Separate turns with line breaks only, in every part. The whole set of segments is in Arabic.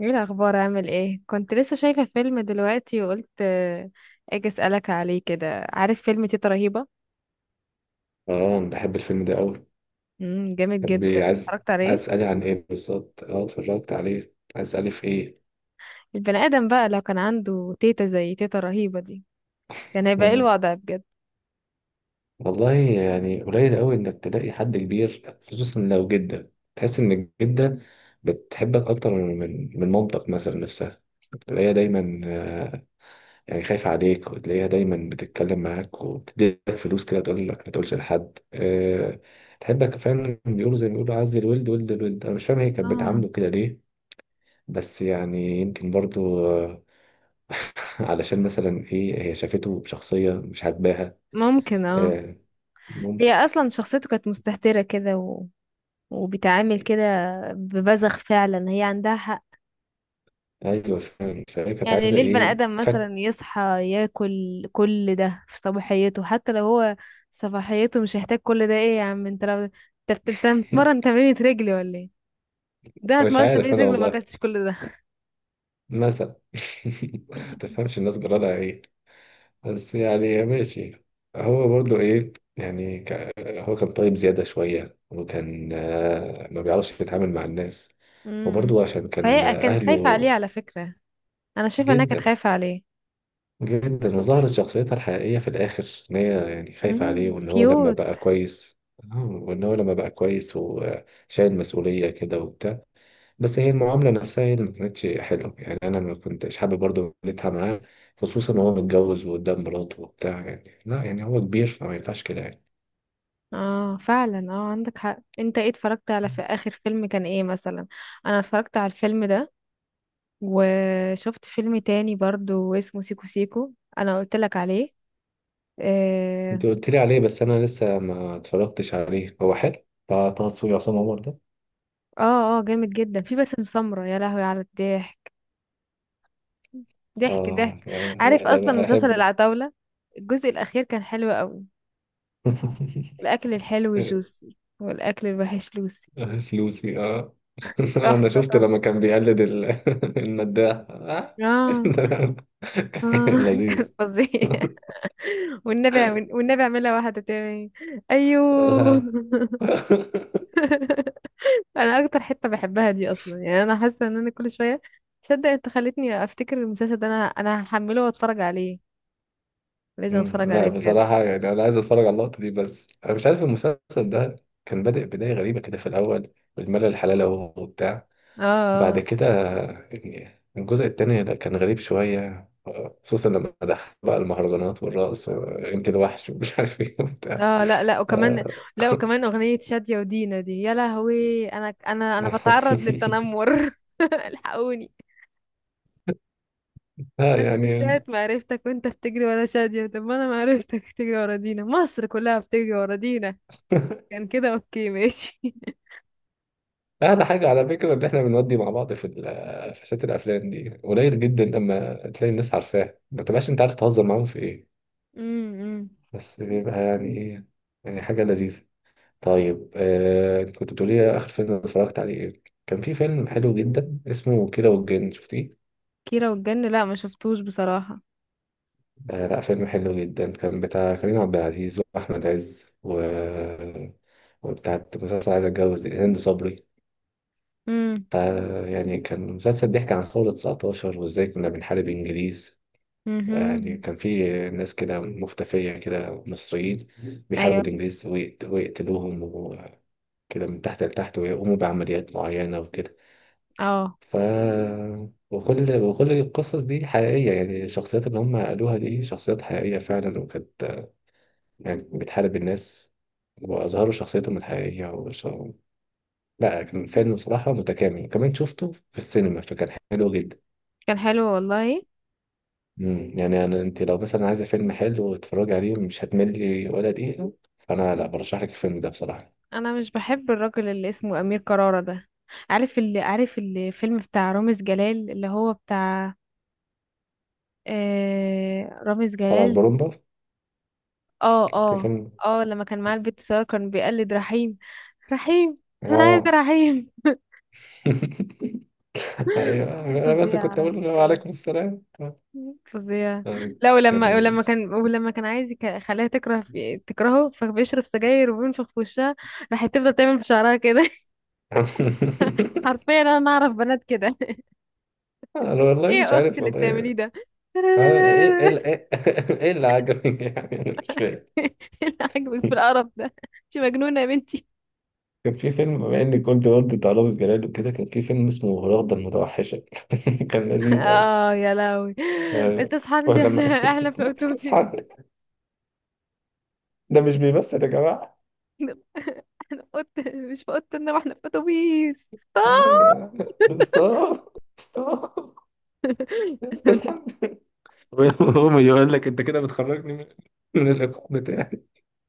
ايه الاخبار؟ عامل ايه؟ كنت لسه شايفه فيلم دلوقتي وقلت آه، اجي اسالك عليه كده. عارف فيلم تيتا رهيبه؟
اه، أنا بحب الفيلم ده قوي.
جامد
طب
جدا،
إيه، عايز
اتفرجت
عايز
عليه.
اسالي عن ايه بالظبط؟ اه، اتفرجت عليه. عايز اسالي في ايه؟
البني ادم بقى لو كان عنده تيتا زي تيتا رهيبه دي، كان هيبقى ايه
مم.
الوضع بجد؟
والله، يعني قليل قوي انك تلاقي حد كبير، خصوصا لو جدة، تحس ان الجدة بتحبك اكتر من مامتك مثلا نفسها. تلاقيها دايما، يعني خايفة عليك. وتلاقيها دايما بتتكلم معاك وتديلك فلوس كده، تقول لك ما تقولش لحد. تحبك فعلا. بيقولوا زي ما بيقولوا عز الولد ولد الولد. انا مش فاهم، هي كانت
اه،
بتعامله كده ليه؟ بس يعني يمكن برضو علشان مثلا، ايه، هي شافته بشخصية مش عاجباها.
ممكن. اه،
آه،
هي
ممكن.
اصلا شخصيته كانت مستهتره كده وبتعامل كده ببذخ، فعلا هي عندها حق.
ايوه فاهم. فهي كانت
يعني
عايزة
ليه البني
ايه؟
آدم
فك
مثلا يصحى ياكل كل ده في صباحيته؟ حتى لو هو صباحيته مش هيحتاج كل ده. ايه يا عم انت؟ لو انت انت بتتمرن تمرينة رجلي ولا ايه؟ ده أنا
مش
اتمرنت
عارف
تمرينة
انا
رجلي وما
والله.
اكلتش كل ده.
مثلا، ما تفهمش الناس جرالها ايه. بس يعني ماشي. هو برضو، ايه يعني، هو كان طيب زيادة شوية، وكان ما بيعرفش يتعامل مع الناس.
امم
وبرضو عشان كان
فهي كانت خايفة عليه
أهله.
على فكرة، انا شايفة انها كانت
جدا،
خايفة عليه.
جدا، وظهرت شخصيتها الحقيقية في الآخر، إن هي يعني خايفة عليه،
كيوت.
وإن هو لما بقى كويس وشايل مسؤولية كده وبتاع. بس هي المعاملة نفسها هي اللي ما كانتش حلوة. يعني أنا ما كنتش حابب برضه عملتها معاه، خصوصا وهو متجوز وقدام مراته وبتاع. يعني لا، يعني هو كبير، فما ينفعش كده يعني.
اه فعلا، اه عندك حق. انت ايه اتفرجت على، في اخر فيلم كان ايه مثلا؟ انا اتفرجت على الفيلم ده، وشفت فيلم تاني برضو اسمه سيكو سيكو، انا قلت لك عليه. اه.
أنت قلت لي عليه، بس أنا لسه ما اتفرجتش عليه. هو حلو بتاع طه دسوقي وعصام عمر ده؟
اه آه، جامد جدا. في باسم سمرة، يا لهوي على الضحك، ضحك ضحك.
آه،
عارف
أنا
اصلا مسلسل
بحبه.
العتاولة؟ الجزء الاخير كان حلو قوي. الاكل الحلو جوسي والاكل الوحش لوسي.
فلوسي، اه. انا
تحفة
شفت
تحفة.
لما كان بيقلد المداح. آه.
اه اه
كان
كان
لذيذ.
فظيع. والنبي، والنبي اعملها واحدة تاني. ايوه.
لا.
انا اكتر حتة بحبها دي اصلا، يعني انا حاسة ان كل شوية. تصدق انت خلتني افتكر المسلسل ده؟ انا هحمله واتفرج عليه، لازم اتفرج
لا
عليه بجد.
بصراحة، يعني أنا عايز أتفرج على اللقطة دي، بس أنا مش عارف المسلسل ده. كان بادئ بداية غريبة كده في الأول، بالملل الحلال أهو وبتاع.
اه
بعد
آه.
كده، يعني الجزء التاني، لا، كان غريب شوية، خصوصا لما دخل بقى المهرجانات والرقص وأنت الوحش ومش عارف إيه وبتاع.
اه لا لا، وكمان،
آه.
لا وكمان اغنية شادية ودينا دي، يا لهوي، انا بتعرض للتنمر الحقوني.
لا،
انا من
يعني،
ساعة ما عرفتك وانت بتجري ورا شادية، طب ما انا ما عرفتك بتجري ورا دينا، مصر كلها بتجري ورا دينا. كان كده اوكي ماشي
أعلى حاجة على فكرة، إن إحنا بنودي مع بعض في شات الأفلام دي قليل جدا. لما تلاقي الناس عارفاها، ما تبقاش أنت عارف تهزر معاهم في إيه.
امم
بس بيبقى يعني إيه، يعني حاجة لذيذة. طيب، كنت بتقولي لي آخر فيلم اتفرجت عليه إيه. كان في فيلم حلو جدا اسمه كيرة والجن، شفتيه؟
كيرة والجن لا ما شفتوش بصراحة.
آه، لا، فيلم حلو جدا. كان بتاع كريم عبد العزيز وأحمد عز، وبتاعت مسلسل عايز اتجوز دي، هند صبري.
امم
فيعني كان مسلسل بيحكي عن ثورة 19، وإزاي كنا بنحارب إنجليز. يعني
امم
كان في ناس كده مختفية كده، مصريين، بيحاربوا
ايوه.
الإنجليز ويقتلوهم وكده، من تحت لتحت، ويقوموا بعمليات معينة وكده.
اه
ف وكل القصص دي حقيقية. يعني الشخصيات اللي هم قالوها دي شخصيات حقيقية فعلا، وكانت يعني بتحارب الناس، وأظهروا شخصيتهم الحقيقية لا، كان فيلم بصراحة متكامل، وكمان شفته في السينما، فكان حلو جدا.
كان حلو والله.
مم. يعني أنا، أنت لو مثلا عايزة فيلم حلو وتتفرجي عليه، مش هتملي ولا دقيقة. فأنا، لا، برشح لك الفيلم ده بصراحة.
انا مش بحب الراجل اللي اسمه امير كرارة ده. عارف اللي، عارف الفيلم بتاع رامز جلال اللي هو بتاع آه رامز
سبعة
جلال؟
برومبا.
اه
كان
اه.
فيلم.
اه لما كان معاه البيت سارة كان بيقلد رحيم، رحيم. انا عايزة
آه.
رحيم.
أيوه، أنا بس كنت
فظيع
أقول له
فظيع
وعليكم السلام.
فظيع.
آه،
لا
كان
ولما ولما
لذيذ.
كان ولما كان عايز يخليها تكره، في تكرهه فبيشرب سجاير وبينفخ في وشها. راحت تفضل تعمل في شعرها كده. حرفيا انا اعرف بنات كده.
أنا والله،
ايه
مش
يا اختي
عارف
اللي بتعمليه
والله.
ده؟
آه، إيه إيه إيه، إيه اللي عجبك يعني؟ أنا مش فاهم.
إيه اللي عاجبك في القرف ده؟ انت مجنونه يا بنتي.
كان في فيلم، بما اني كنت برضه بتاع رامز جلال وكده، كان في فيلم اسمه رغدة المتوحشة. كان لذيذ.
اه يا لهوي. بس
أيوة.
اصحاب، انت، احنا
ولما
احنا في
استاذ
الاتوبيس،
حد، ده مش بيمثل يا جماعه.
احنا احنا في مش في اوضه النوم، احنا في اتوبيس.
أيوة. ستوب، ستوب، يا استاذ حد. هو يقول لك انت كده بتخرجني من الايقاع بتاعي.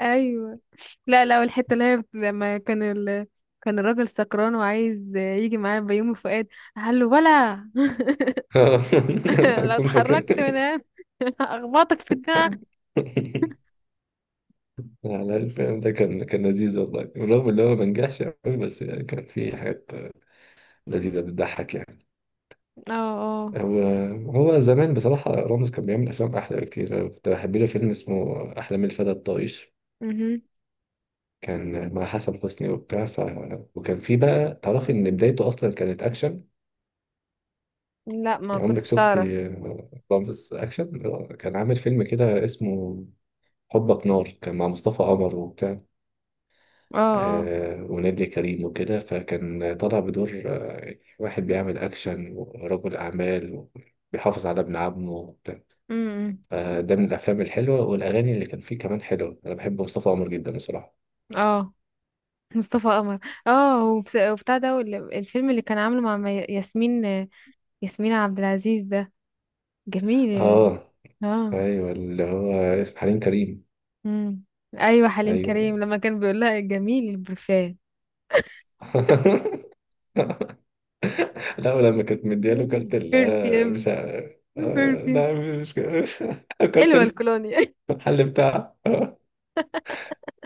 ايوه. لا لا، والحته اللي هي لما كان كان الراجل سكران وعايز يجي معاه بيومي فؤاد، قال له ولا
آه.
لو
هكون فاكر.
اتحركت من هنا اخبطك في دماغك.
على الفيلم ده، كان لذيذ والله. بالرغم ان هو ما نجحش قوي، بس يعني كان فيه حاجات لذيذه بتضحك يعني.
اه اه.
هو هو زمان بصراحه، رامز كان بيعمل افلام احلى بكتير. أنا كنت بحب له فيلم اسمه احلام الفتى الطائش.
مهم.
كان مع حسن حسني وبتاع. وكان في بقى، تعرفي ان بدايته اصلا كانت اكشن؟
لا ما
يعني عمرك
كنتش اعرف.
شفتي رامز اكشن؟ كان عامل فيلم كده اسمه حبك نار. كان مع مصطفى قمر وبتاع،
اه اه.
ونادية كريم وكده. فكان طالع بدور واحد بيعمل اكشن ورجل اعمال، وبيحافظ على ابن عمه وبتاع.
امم
فده من الافلام الحلوه، والاغاني اللي كان فيه كمان حلوه. انا بحب مصطفى قمر جدا بصراحه.
اه مصطفى قمر. اه وبتاع ده الفيلم اللي كان عامله مع ياسمين، ياسمين عبد العزيز ده جميل.
اه،
اه.
ايوه، اللي هو اسمه حليم كريم.
امم ايوه حليم
ايوه.
كريم لما كان بيقول لها جميل البرفان.
لا، ولما كانت مدياله كارت ال آه، مش
برفيوم،
عارف. آه،
برفيوم،
لا، مش كده.
حلوه
كارت
الكولوني.
المحل بتاعها.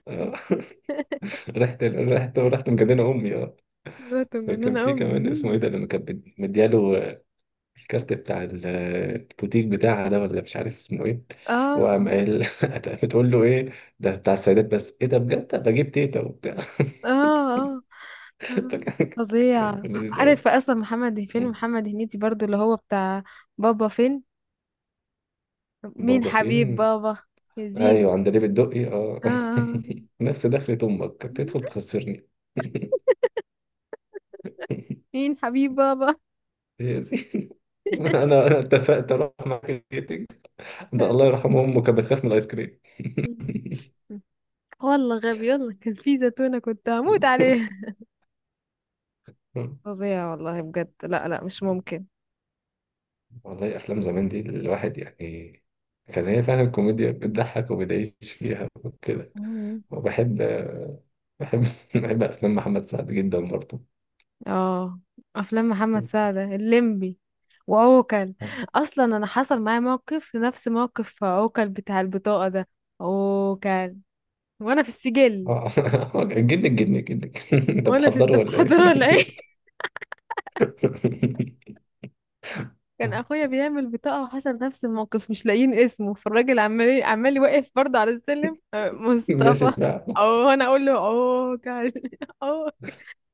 آه. رحت، رحت، رحت، مجننه امي اه.
بنت
فكان
مجننه
في كمان،
امي.
اسمه ايه ده، لما كانت مدياله الكارت بتاع البوتيك بتاعها ده، ولا مش عارف اسمه ايه.
اه
وقام قال. بتقول له ايه؟ ده بتاع السيدات بس؟ ايه ده بجد، طب بجيب تيتا وبتاع.
اه اه آه.
فكان- كان
فظيع.
لذيذ قوي.
عارف اصلا محمد، فيلم محمد هنيدي برضو اللي هو بتاع بابا فين، مين
بابا
حبيب
فين.
بابا يزيد؟
ايوه، عندليب الدقي، اه.
اه آه.
نفس دخلة امك، تدخل تخسرني.
مين حبيب بابا؟
يا سيدي، انا اتفقت اروح معاك الكيتنج. ده الله يرحمه، امه كانت بتخاف من الايس كريم.
والله غبي، يلا كان في زيتونة كنت هموت عليها. فظيع والله بجد، لا لا مش ممكن.
والله، افلام زمان دي الواحد يعني، كان هي فعلا الكوميديا بتضحك وبتعيش فيها وكده.
مم.
وبحب، بحب بحب افلام محمد سعد جدا برضه.
اه افلام محمد سعد، الليمبي وعوكل. اصلا انا حصل معايا موقف نفس موقف عوكل بتاع البطاقة ده، عوكل وانا في السجل.
اه. جنك، جنك، جنك، انت
وانا في
بتحضره ولا
استفحضر
ايه؟
ولا ايه؟ كان اخويا بيعمل بطاقه وحصل نفس الموقف، مش لاقيين اسمه، فالراجل عمال عمال واقف برضه على السلم آه،
ماشي
مصطفى،
بقى.
او انا اقول له اوه، كان اوه.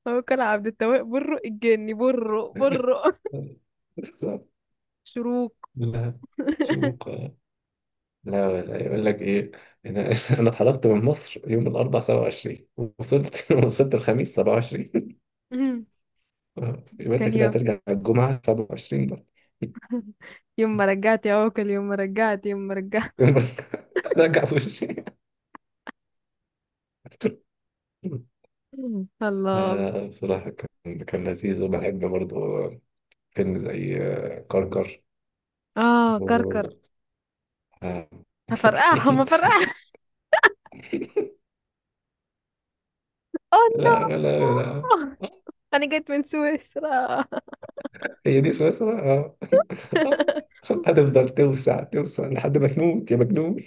هو كان عبد التواب برو الجني، برو برو
بالظبط.
شروق.
لا، شروق، لا. لا، يقول لك ايه. انا، انا اتحركت من مصر يوم الاربعاء 27. وصلت، الخميس 27.
مم.
يبقى انت
كان
كده
يوم،
هترجع الجمعه 27 بقى.
يوم ما رجعت يا عوكل، يوم ما رجعت، يوم ما رجعت.
رجع في وشي.
الله.
آه، بصراحة كان لذيذ. وبحب برضه فيلم زي كركر.
اه كركر.
و... آه،
هفرقعهم هفرقعهم.
لا،
اوه.
لا، لا.
نو، انا جيت من سويسرا.
هي دي سويسرا. آه، هتفضل توسع، توسع، لحد ما تموت يا مجنون.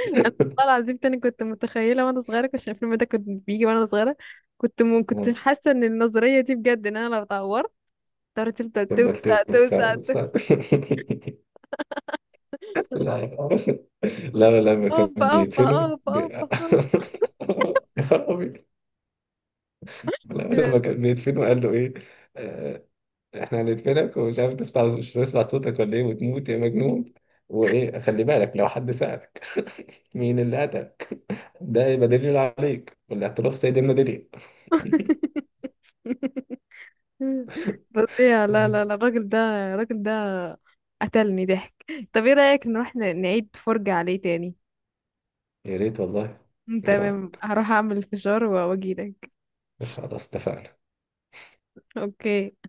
انا والله العظيم، تاني كنت متخيله وانا صغيره، كنت عشان الفيلم ده كنت بيجي وانا صغيره، كنت
آه،
حاسه ان النظريه دي بجد، ان انا لو اتعورت تعرف تفضل
تفضل
توسع
توسع،
توسع توسع.
توسع. لا لا، لا، لما كان
اوبا اوبا
بيدفنوا
اوبا اوبا.
يا خرابي. لا،
أوبا.
لما كان بيدفنوا قال له ايه. آه، احنا هندفنك، ومش عارف تسمع، مش هتسمع صوتك ولا ايه، وتموت يا مجنون. وايه، خلي بالك، لو حد سألك مين اللي قتل ده، يبقى دليل عليك، والاعتراف سيد المدلل.
فظيع. لا لا لا، الراجل ده الراجل ده قتلني ضحك. طب ايه رايك نروح، نعيد فرجه عليه تاني؟
يا ريت والله. ايه
تمام،
رأيك.
هروح اعمل الفشار واجيلك.
خلاص اتفقنا.
اوكي.